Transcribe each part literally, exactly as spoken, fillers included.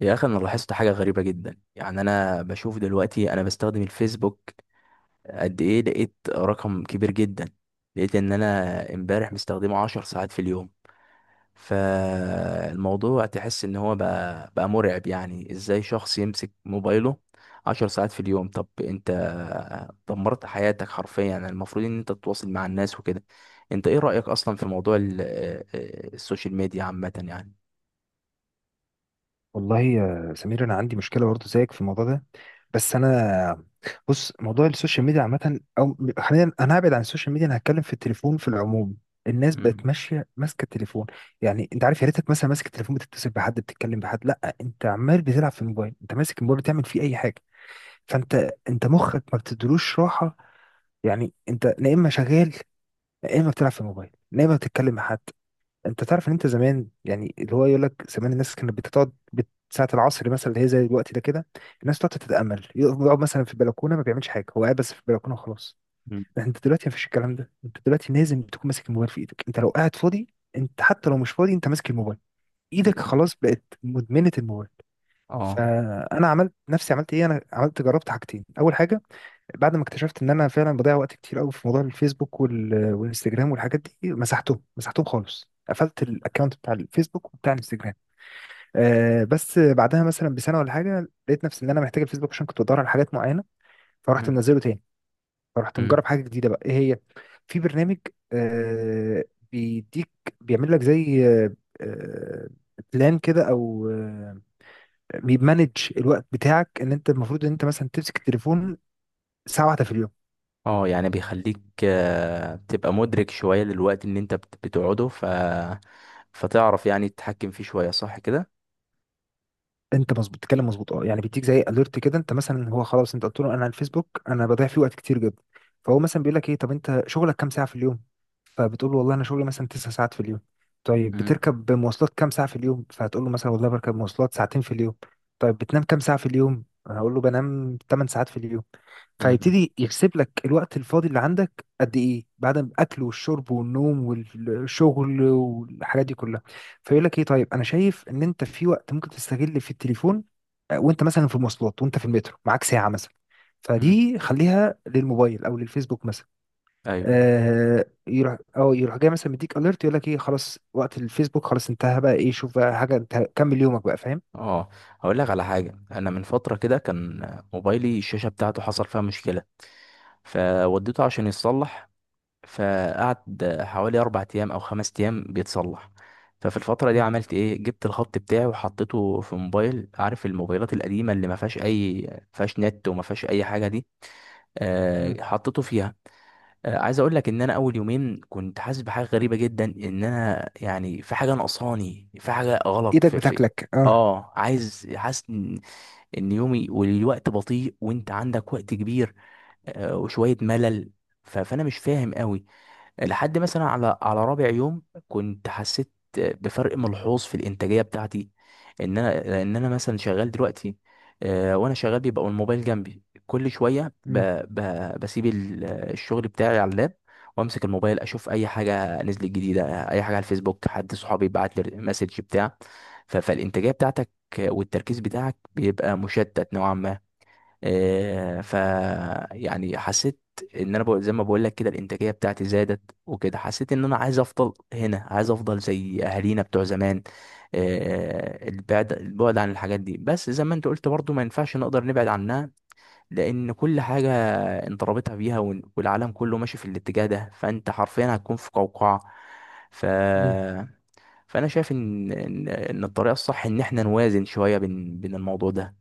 يا اخي، انا لاحظت حاجه غريبه جدا. يعني انا بشوف دلوقتي انا بستخدم الفيسبوك قد ايه. لقيت رقم كبير جدا. لقيت ان انا امبارح مستخدمه عشر ساعات في اليوم. فالموضوع تحس ان هو بقى بقى مرعب. يعني ازاي شخص يمسك موبايله عشر ساعات في اليوم؟ طب انت دمرت حياتك حرفيا. يعني المفروض ان انت تتواصل مع الناس وكده. انت ايه رأيك اصلا في موضوع ال- آه، آه، السوشيال ميديا عامه يعني؟ والله يا سمير انا عندي مشكله برضه زيك في الموضوع ده. بس انا، بص، موضوع السوشيال ميديا عامه او حاليا، انا هبعد عن السوشيال ميديا. انا هتكلم في التليفون في العموم. الناس مم. بقت ماشيه ماسكه التليفون. يعني انت عارف، يا ريتك مثلا ماسك التليفون بتتصل بحد، بتتكلم بحد. لا، انت عمال بتلعب في الموبايل، انت ماسك الموبايل بتعمل فيه اي حاجه. فانت انت مخك ما بتدلوش راحه. يعني انت يا اما شغال، يا اما بتلعب في الموبايل، يا اما بتتكلم مع حد. انت تعرف ان انت زمان، يعني اللي هو يقول لك زمان الناس كانت بتقعد بت- ساعة العصر مثلا، اللي هي زي الوقت ده كده. الناس تقعد تتأمل، يقف- يقعد مثلا في البلكونة، ما بيعملش حاجة، هو قاعد بس في البلكونة وخلاص. مم. لكن انت دلوقتي ما فيش الكلام ده. انت دلوقتي لازم تكون ماسك الموبايل في ايدك، انت لو قاعد فاضي. انت حتى لو مش فاضي، انت ماسك الموبايل. ايدك مم. خلاص بقت مدمنة الموبايل. اه. فانا عملت نفسي، عملت ايه، انا عملت جربت حاجتين. اول حاجة، بعد ما اكتشفت ان انا فعلا بضيع وقت كتير قوي في موضوع الفيسبوك وال... والانستجرام والحاجات دي، مسحتهم مسحتهم خالص، قفلت الاكونت بتاع الفيسبوك وبتاع الانستجرام. آه بس بعدها مثلا بسنه ولا حاجه، لقيت نفسي ان انا محتاج الفيسبوك عشان كنت بدور على حاجات معينه، فرحت مم. منزله تاني. فرحت مم. مجرب حاجه جديده، بقى ايه هي؟ في برنامج، آه بيديك، بيعمل لك زي آه آه، بلان كده، او آه، بيمانج الوقت بتاعك، ان انت المفروض ان انت مثلا تمسك التليفون ساعه واحده في اليوم. اه، يعني بيخليك، آه، تبقى مدرك شوية للوقت اللي انت بت- بتقعده. ف فتعرف يعني تتحكم فيه شوية، صح كده. انت مظبوط، بتتكلم مظبوط. اه، يعني بيديك زي اليرت كده، انت مثلا هو خلاص، انت قلت له انا على الفيسبوك انا بضيع فيه وقت كتير جدا، فهو مثلا بيقول لك ايه، طب انت شغلك كام ساعه في اليوم؟ فبتقول له والله انا شغلي مثلا تسع ساعات في اليوم. طيب مم. بتركب مواصلات كام ساعه في اليوم؟ فهتقول له مثلا والله بركب مواصلات ساعتين في اليوم. طيب بتنام كام ساعه في اليوم؟ هقول له بنام ثمن ساعات في اليوم. مم. فهيبتدي يحسب لك الوقت الفاضي اللي عندك قد ايه، بعد الاكل والشرب والنوم والشغل والحاجات دي كلها. فيقول لك ايه، طيب انا شايف ان انت في وقت ممكن تستغل في التليفون، آه، وانت مثلا في مواصلات، وانت في المترو معاك ساعه مثلا، مم. فدي خليها للموبايل او للفيسبوك مثلا. ايوه. آه، يروح او يروح جاي مثلا، مديك اليرت يقول لك ايه، خلاص وقت الفيسبوك خلاص انتهى، بقى ايه، شوف بقى حاجه، انت كمل يومك بقى، فاهم. اه، هقول لك على حاجة. انا من فترة كده كان موبايلي الشاشة بتاعته حصل فيها مشكلة، فوديته عشان يتصلح، فقعد حوالي اربع ايام او خمس ايام بيتصلح. ففي الفترة دي مم. عملت ايه؟ جبت الخط بتاعي وحطيته في موبايل. عارف الموبايلات القديمة اللي ما فيهاش اي، ما فيهاش نت وما فيهاش اي حاجة دي؟ مم. آه، حطيته فيها. آه، عايز اقول لك ان انا اول يومين كنت حاسس بحاجه غريبه جدا، ان انا يعني في حاجه ناقصاني، في حاجه غلط ايدك في, في. بتاكلك، اه. اه، عايز حاسس ان إن يومي والوقت بطيء، وانت عندك وقت كبير، آه، وشويه ملل. ف- فانا مش فاهم قوي، لحد مثلا على على رابع يوم كنت حسيت بفرق ملحوظ في الانتاجيه بتاعتي. ان انا، لان انا مثلا شغال دلوقتي، آه، وانا شغال بيبقى الموبايل جنبي. كل شويه ب... مم. ب... بسيب ال- الشغل بتاعي على اللاب، وامسك الموبايل اشوف اي حاجه نزلت جديده، اي حاجه على الفيسبوك، حد صحابي بعت لي مسج بتاع. ف... فالانتاجيه بتاعتك والتركيز بتاعك بيبقى مشتت نوعا ما. آه، ف يعني حسيت ان انا، بقول زي ما بقول لك كده، الانتاجيه بتاعتي زادت وكده. حسيت ان انا عايز افضل هنا، عايز افضل زي اهالينا بتوع زمان. آه، البعد البعد عن الحاجات دي. بس زي ما انت قلت برضو، ما ينفعش نقدر نبعد عنها، لان كل حاجه انت رابطها بيها، وال- والعالم كله ماشي في الاتجاه ده، فانت حرفيا هتكون في قوقعه. ف مم. فانا شايف ان ان إن الطريقه الصح ان احنا نوازن شويه بين بين الموضوع ده.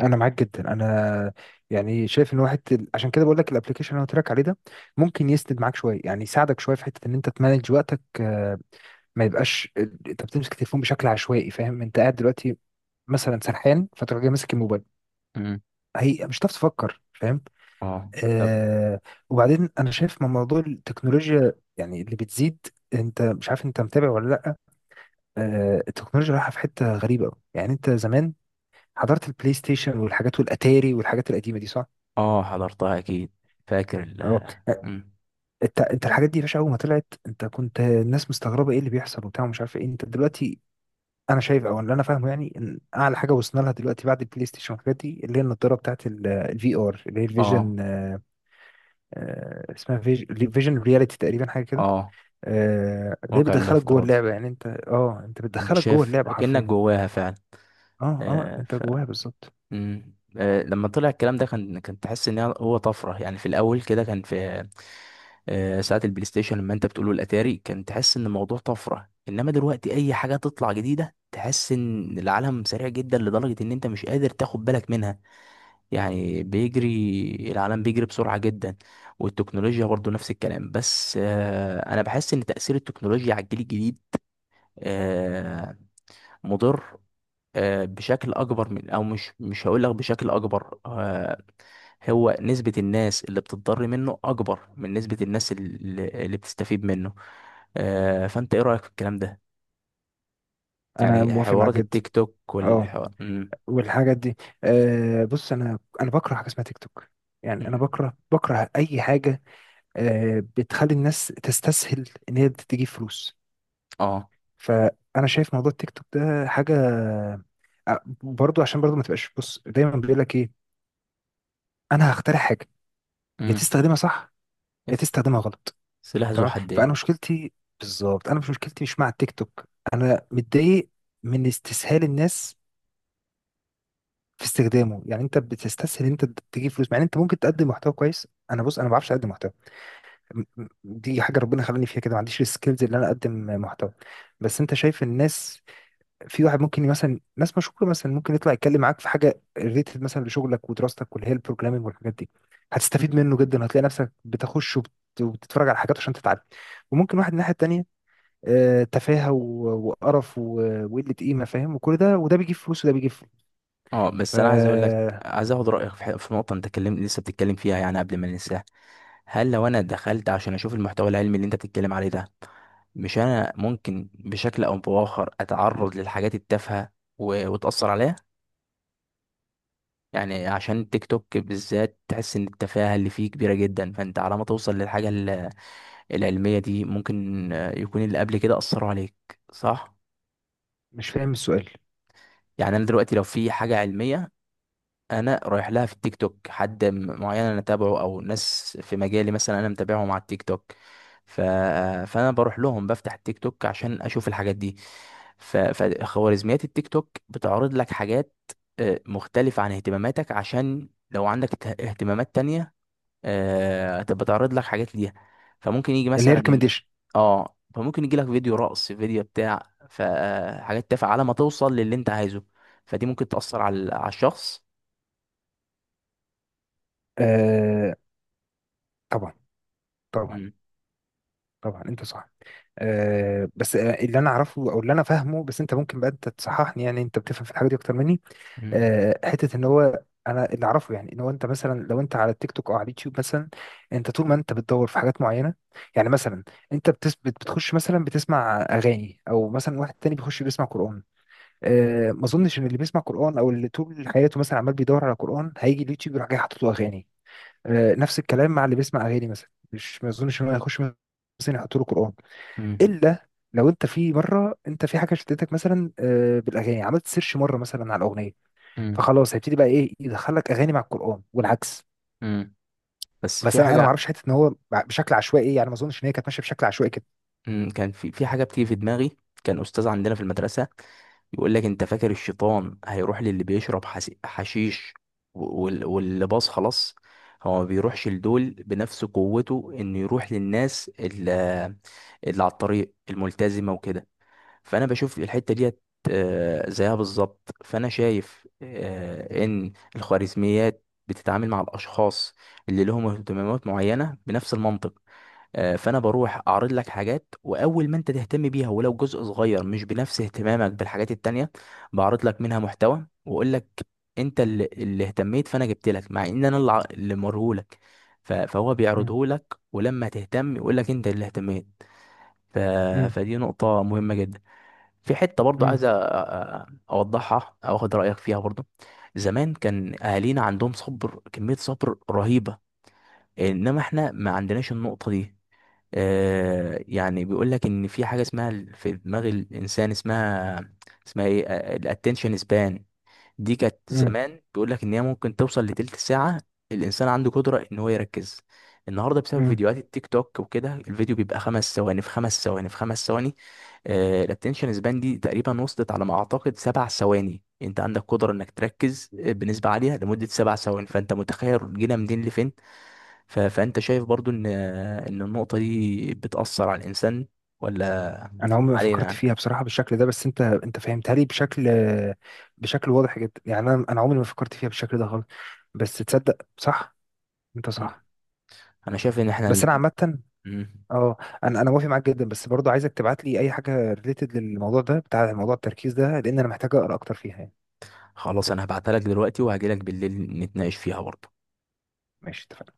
انا معاك جدا. انا يعني شايف ان واحد، ال- عشان كده بقول لك الابلكيشن اللي انا قلت لك عليه ده، ممكن يسند معاك شويه، يعني يساعدك شويه في حته ان انت تمانج وقتك. آه، ما يبقاش انت بتمسك التليفون بشكل عشوائي، فاهم؟ انت قاعد دلوقتي مثلا سرحان، فتروح جاي ماسك الموبايل، مم. هي مش هتعرف تفكر، فاهم. اه، طب. آه وبعدين انا شايف من موضوع التكنولوجيا يعني اللي بتزيد، انت مش عارف، انت متابع ولا لا؟ آه، التكنولوجيا رايحه في حته غريبه أوي. يعني انت زمان حضرت البلاي ستيشن والحاجات والاتاري والحاجات القديمه دي، صح؟ اه، حضرتها اكيد. فاكر اه. ال مم. انت انت الحاجات دي يا باشا، اول ما طلعت انت كنت، الناس مستغربه ايه اللي بيحصل وبتاع ومش عارف ايه. انت دلوقتي، انا شايف او اللي انا فاهمه يعني، ان اعلى حاجه وصلنا لها دلوقتي بعد البلاي ستيشن والحاجات دي، اللي هي النضاره بتاعت الفي ار، اللي هي اه. الفيجن، آه، آه، اسمها فيجن رياليتي تقريبا، حاجه كده. اه، آه، اللي هي واقع بتدخلك جوه الافتراضي. اللعبه، يعني انت اه انت انت بتدخلك جوه شايف اللعبه اكنك حرفيا. جواها فعلا. اه، اه، آه. انت ف جواها بالظبط. مم. آه، لما طلع الكلام ده كان كان تحس ان هو طفره. يعني في الاول كده كان في آه، ساعه البلاي ستيشن لما انت بتقوله الاتاري، كان تحس ان الموضوع طفره. انما دلوقتي اي حاجه تطلع جديده، تحس ان العالم سريع جدا لدرجه ان انت مش قادر تاخد بالك منها. يعني بيجري، العالم بيجري بسرعة جدا، والتكنولوجيا برضو نفس الكلام. بس آه، أنا بحس إن تأثير التكنولوجيا على الجيل الجديد آه، مضر، آه، بشكل أكبر من، أو مش مش هقول لك بشكل أكبر، آه، هو نسبة الناس اللي بتضر منه أكبر من نسبة الناس اللي, اللي بتستفيد منه. آه، فأنت إيه رأيك في الكلام ده؟ انا يعني موافق حوارات معاك جدا. التيك توك اه، والحوار مم. والحاجات دي. آه، بص، انا انا بكره حاجه اسمها تيك توك. يعني انا مم. بكره، بكره اي حاجه آه، بتخلي الناس تستسهل ان هي تجيب فلوس. اه. فانا شايف موضوع التيك توك ده حاجه، آه، برضو، عشان برضو ما تبقاش، بص، دايما بيقول لك ايه، انا هخترع حاجه، يا مم. تستخدمها صح، يا تستخدمها غلط. سلاح ذو تمام. فانا حدين. مشكلتي بالظبط، انا مش، مشكلتي مش مع التيك توك، انا متضايق من استسهال الناس في استخدامه. يعني انت بتستسهل انت تجيب فلوس، مع ان انت ممكن تقدم محتوى كويس. انا، بص، انا ما بعرفش اقدم محتوى، دي حاجه ربنا خلاني فيها كده، ما عنديش السكيلز اللي انا اقدم محتوى. بس انت شايف الناس، في واحد ممكن مثلا، ناس مشهوره مثلا، ممكن يطلع يتكلم معاك في حاجه ريليتد مثلا لشغلك ودراستك، واللي هي البروجرامينج والحاجات دي، هتستفيد منه جدا، هتلاقي نفسك بتخش وبت- وبتتفرج على حاجات عشان تتعلم. وممكن واحد الناحيه التانيه، آه، تفاهه و- وقرف و- وقله قيمه، فاهم، وكل ده، وده بيجيب فلوس وده بيجيب فلوس، اه، بس انا عايز اقول لك، فمش عايز اخد رايك في ح- في نقطه انت اتكلم، لسه بتتكلم فيها، يعني قبل ما ننساها. هل لو انا دخلت عشان اشوف المحتوى العلمي اللي انت بتتكلم عليه ده، مش انا ممكن بشكل او باخر اتعرض للحاجات التافهه، و- وتاثر عليها؟ يعني عشان التيك توك بالذات تحس ان التفاهه اللي فيه كبيره جدا، فانت على ما توصل للحاجه ال- العلميه دي ممكن آه، يكون اللي قبل كده اثروا عليك. صح؟ فاهم السؤال. يعني انا دلوقتي لو في حاجه علميه انا رايح لها في التيك توك، حد م- معين انا تابعه، او ناس في مجالي مثلا انا متابعهم على التيك توك، ف... فانا بروح لهم، بفتح التيك توك عشان اشوف الحاجات دي. ف... فخوارزميات التيك توك بتعرض لك حاجات آه، مختلفة عن اهتماماتك. عشان لو عندك ت- اهتمامات تانية، آه، تبقى تعرض لك حاجات ليها. فممكن يجي اللي هي مثلا، ريكومنديشن. اه، فممكن يجي لك فيديو رقص، فيديو بتاع، فحاجات تافهة على ما توصل للي انت عايزه، فدي ممكن تأثر على على الشخص. آه، طبعا، طبعا، طبعا انت صح. أه، بس، آه، اللي انا اعرفه او اللي انا فاهمه، بس انت ممكن بقى انت تصححني، يعني انت بتفهم في الحاجه دي اكتر مني. مم. أه، حته ان هو انا اللي اعرفه، يعني ان هو انت مثلا لو انت على التيك توك او على اليوتيوب مثلا، انت طول ما انت بتدور في حاجات معينه، يعني مثلا انت بتثبت بتخش مثلا بتسمع اغاني، او مثلا واحد تاني بيخش بيسمع قران. أه، ما اظنش ان اللي بيسمع قران او اللي طول حياته مثلا عمال بيدور على قران، هيجي اليوتيوب يروح جاي حاطط له اغاني. أه، نفس الكلام مع اللي بيسمع اغاني مثلا، مش، ما اظنش ان هو هيخش مثلا يحط له قران. مم. الا لو انت في مره انت في حاجه شدتك مثلا، آه، بالاغاني، عملت سيرش مره مثلا على الاغنيه، مم. فخلاص هيبتدي بقى ايه يدخلك اغاني مع القران والعكس. مم. بس بس في انا، انا ما حاجة اعرفش حته ان هو بشكل عشوائي، إيه، يعني ما اظنش ان هي كانت ماشيه بشكل عشوائي كده. مم. كان في في حاجة بتيجي في دماغي. كان أستاذ عندنا في المدرسة يقول لك أنت فاكر الشيطان هيروح للي بيشرب حس- حشيش و- وال- واللي باص خلاص. هو ما بيروحش لدول بنفس قوته إنه يروح للناس اللي, اللي على الطريق الملتزمة وكده. فانا بشوف الحته ديت آه، زيها بالظبط. فانا شايف آه، ان الخوارزميات بتتعامل مع الاشخاص اللي لهم اهتمامات معينه بنفس المنطق. آه، فانا بروح اعرض لك حاجات، واول ما انت تهتم بيها ولو جزء صغير مش بنفس اهتمامك بالحاجات التانية، بعرض لك منها محتوى واقول لك انت اللي, اللي اهتميت فانا جبت لك. مع ان انا الع- اللي مرهولك. ف- فهو مم، بيعرضه لك، ولما تهتم يقول لك انت اللي اهتميت. ف... مم، فدي نقطة مهمة جدا. في حتة برضو مم، عايز أ- أ- أوضحها، أو أخد رأيك فيها برضو. زمان كان أهالينا عندهم صبر، كمية صبر رهيبة، إنما إحنا ما عندناش النقطة دي. آه، يعني بيقول لك إن في حاجة اسمها ال- في دماغ الإنسان اسمها، اسمها إيه، الاتنشن سبان. دي كانت مم، زمان بيقول لك ان هي ممكن توصل لتلت ساعة. الانسان عنده قدرة ان هو يركز. النهارده بسبب مم. فيديوهات التيك توك وكده، الفيديو بيبقى خمس ثواني في خمس ثواني في خمس ثواني. الاتنشن سبان دي تقريبا وصلت على ما اعتقد سبع ثواني. انت عندك قدرة انك تركز آه، بنسبة عالية لمدة سبع ثواني. فانت متخيل جينا منين لفين. ف- فانت شايف برضو ان ان النقطة دي بتأثر على الانسان ولا انا عمري ما فكرت علينا؟ انا فيها بصراحه بالشكل ده، بس انت انت فهمتها لي بشكل، بشكل واضح جدا. يعني انا انا عمري ما فكرت فيها بالشكل ده خالص، بس تصدق صح، انت مم. صح. انا شايف ان احنا بس انا الاتنين. عامه، اه، انا انا موافق معاك جدا، بس برضه عايزك تبعت لي اي حاجه ريليتد للموضوع ده، بتاع موضوع التركيز ده، لان انا محتاج اقرا اكتر فيها يعني. خلاص، انا هبعتها لك دلوقتي، وهجيلك بالليل نتناقش فيها برضه. ماشي، اتفقنا.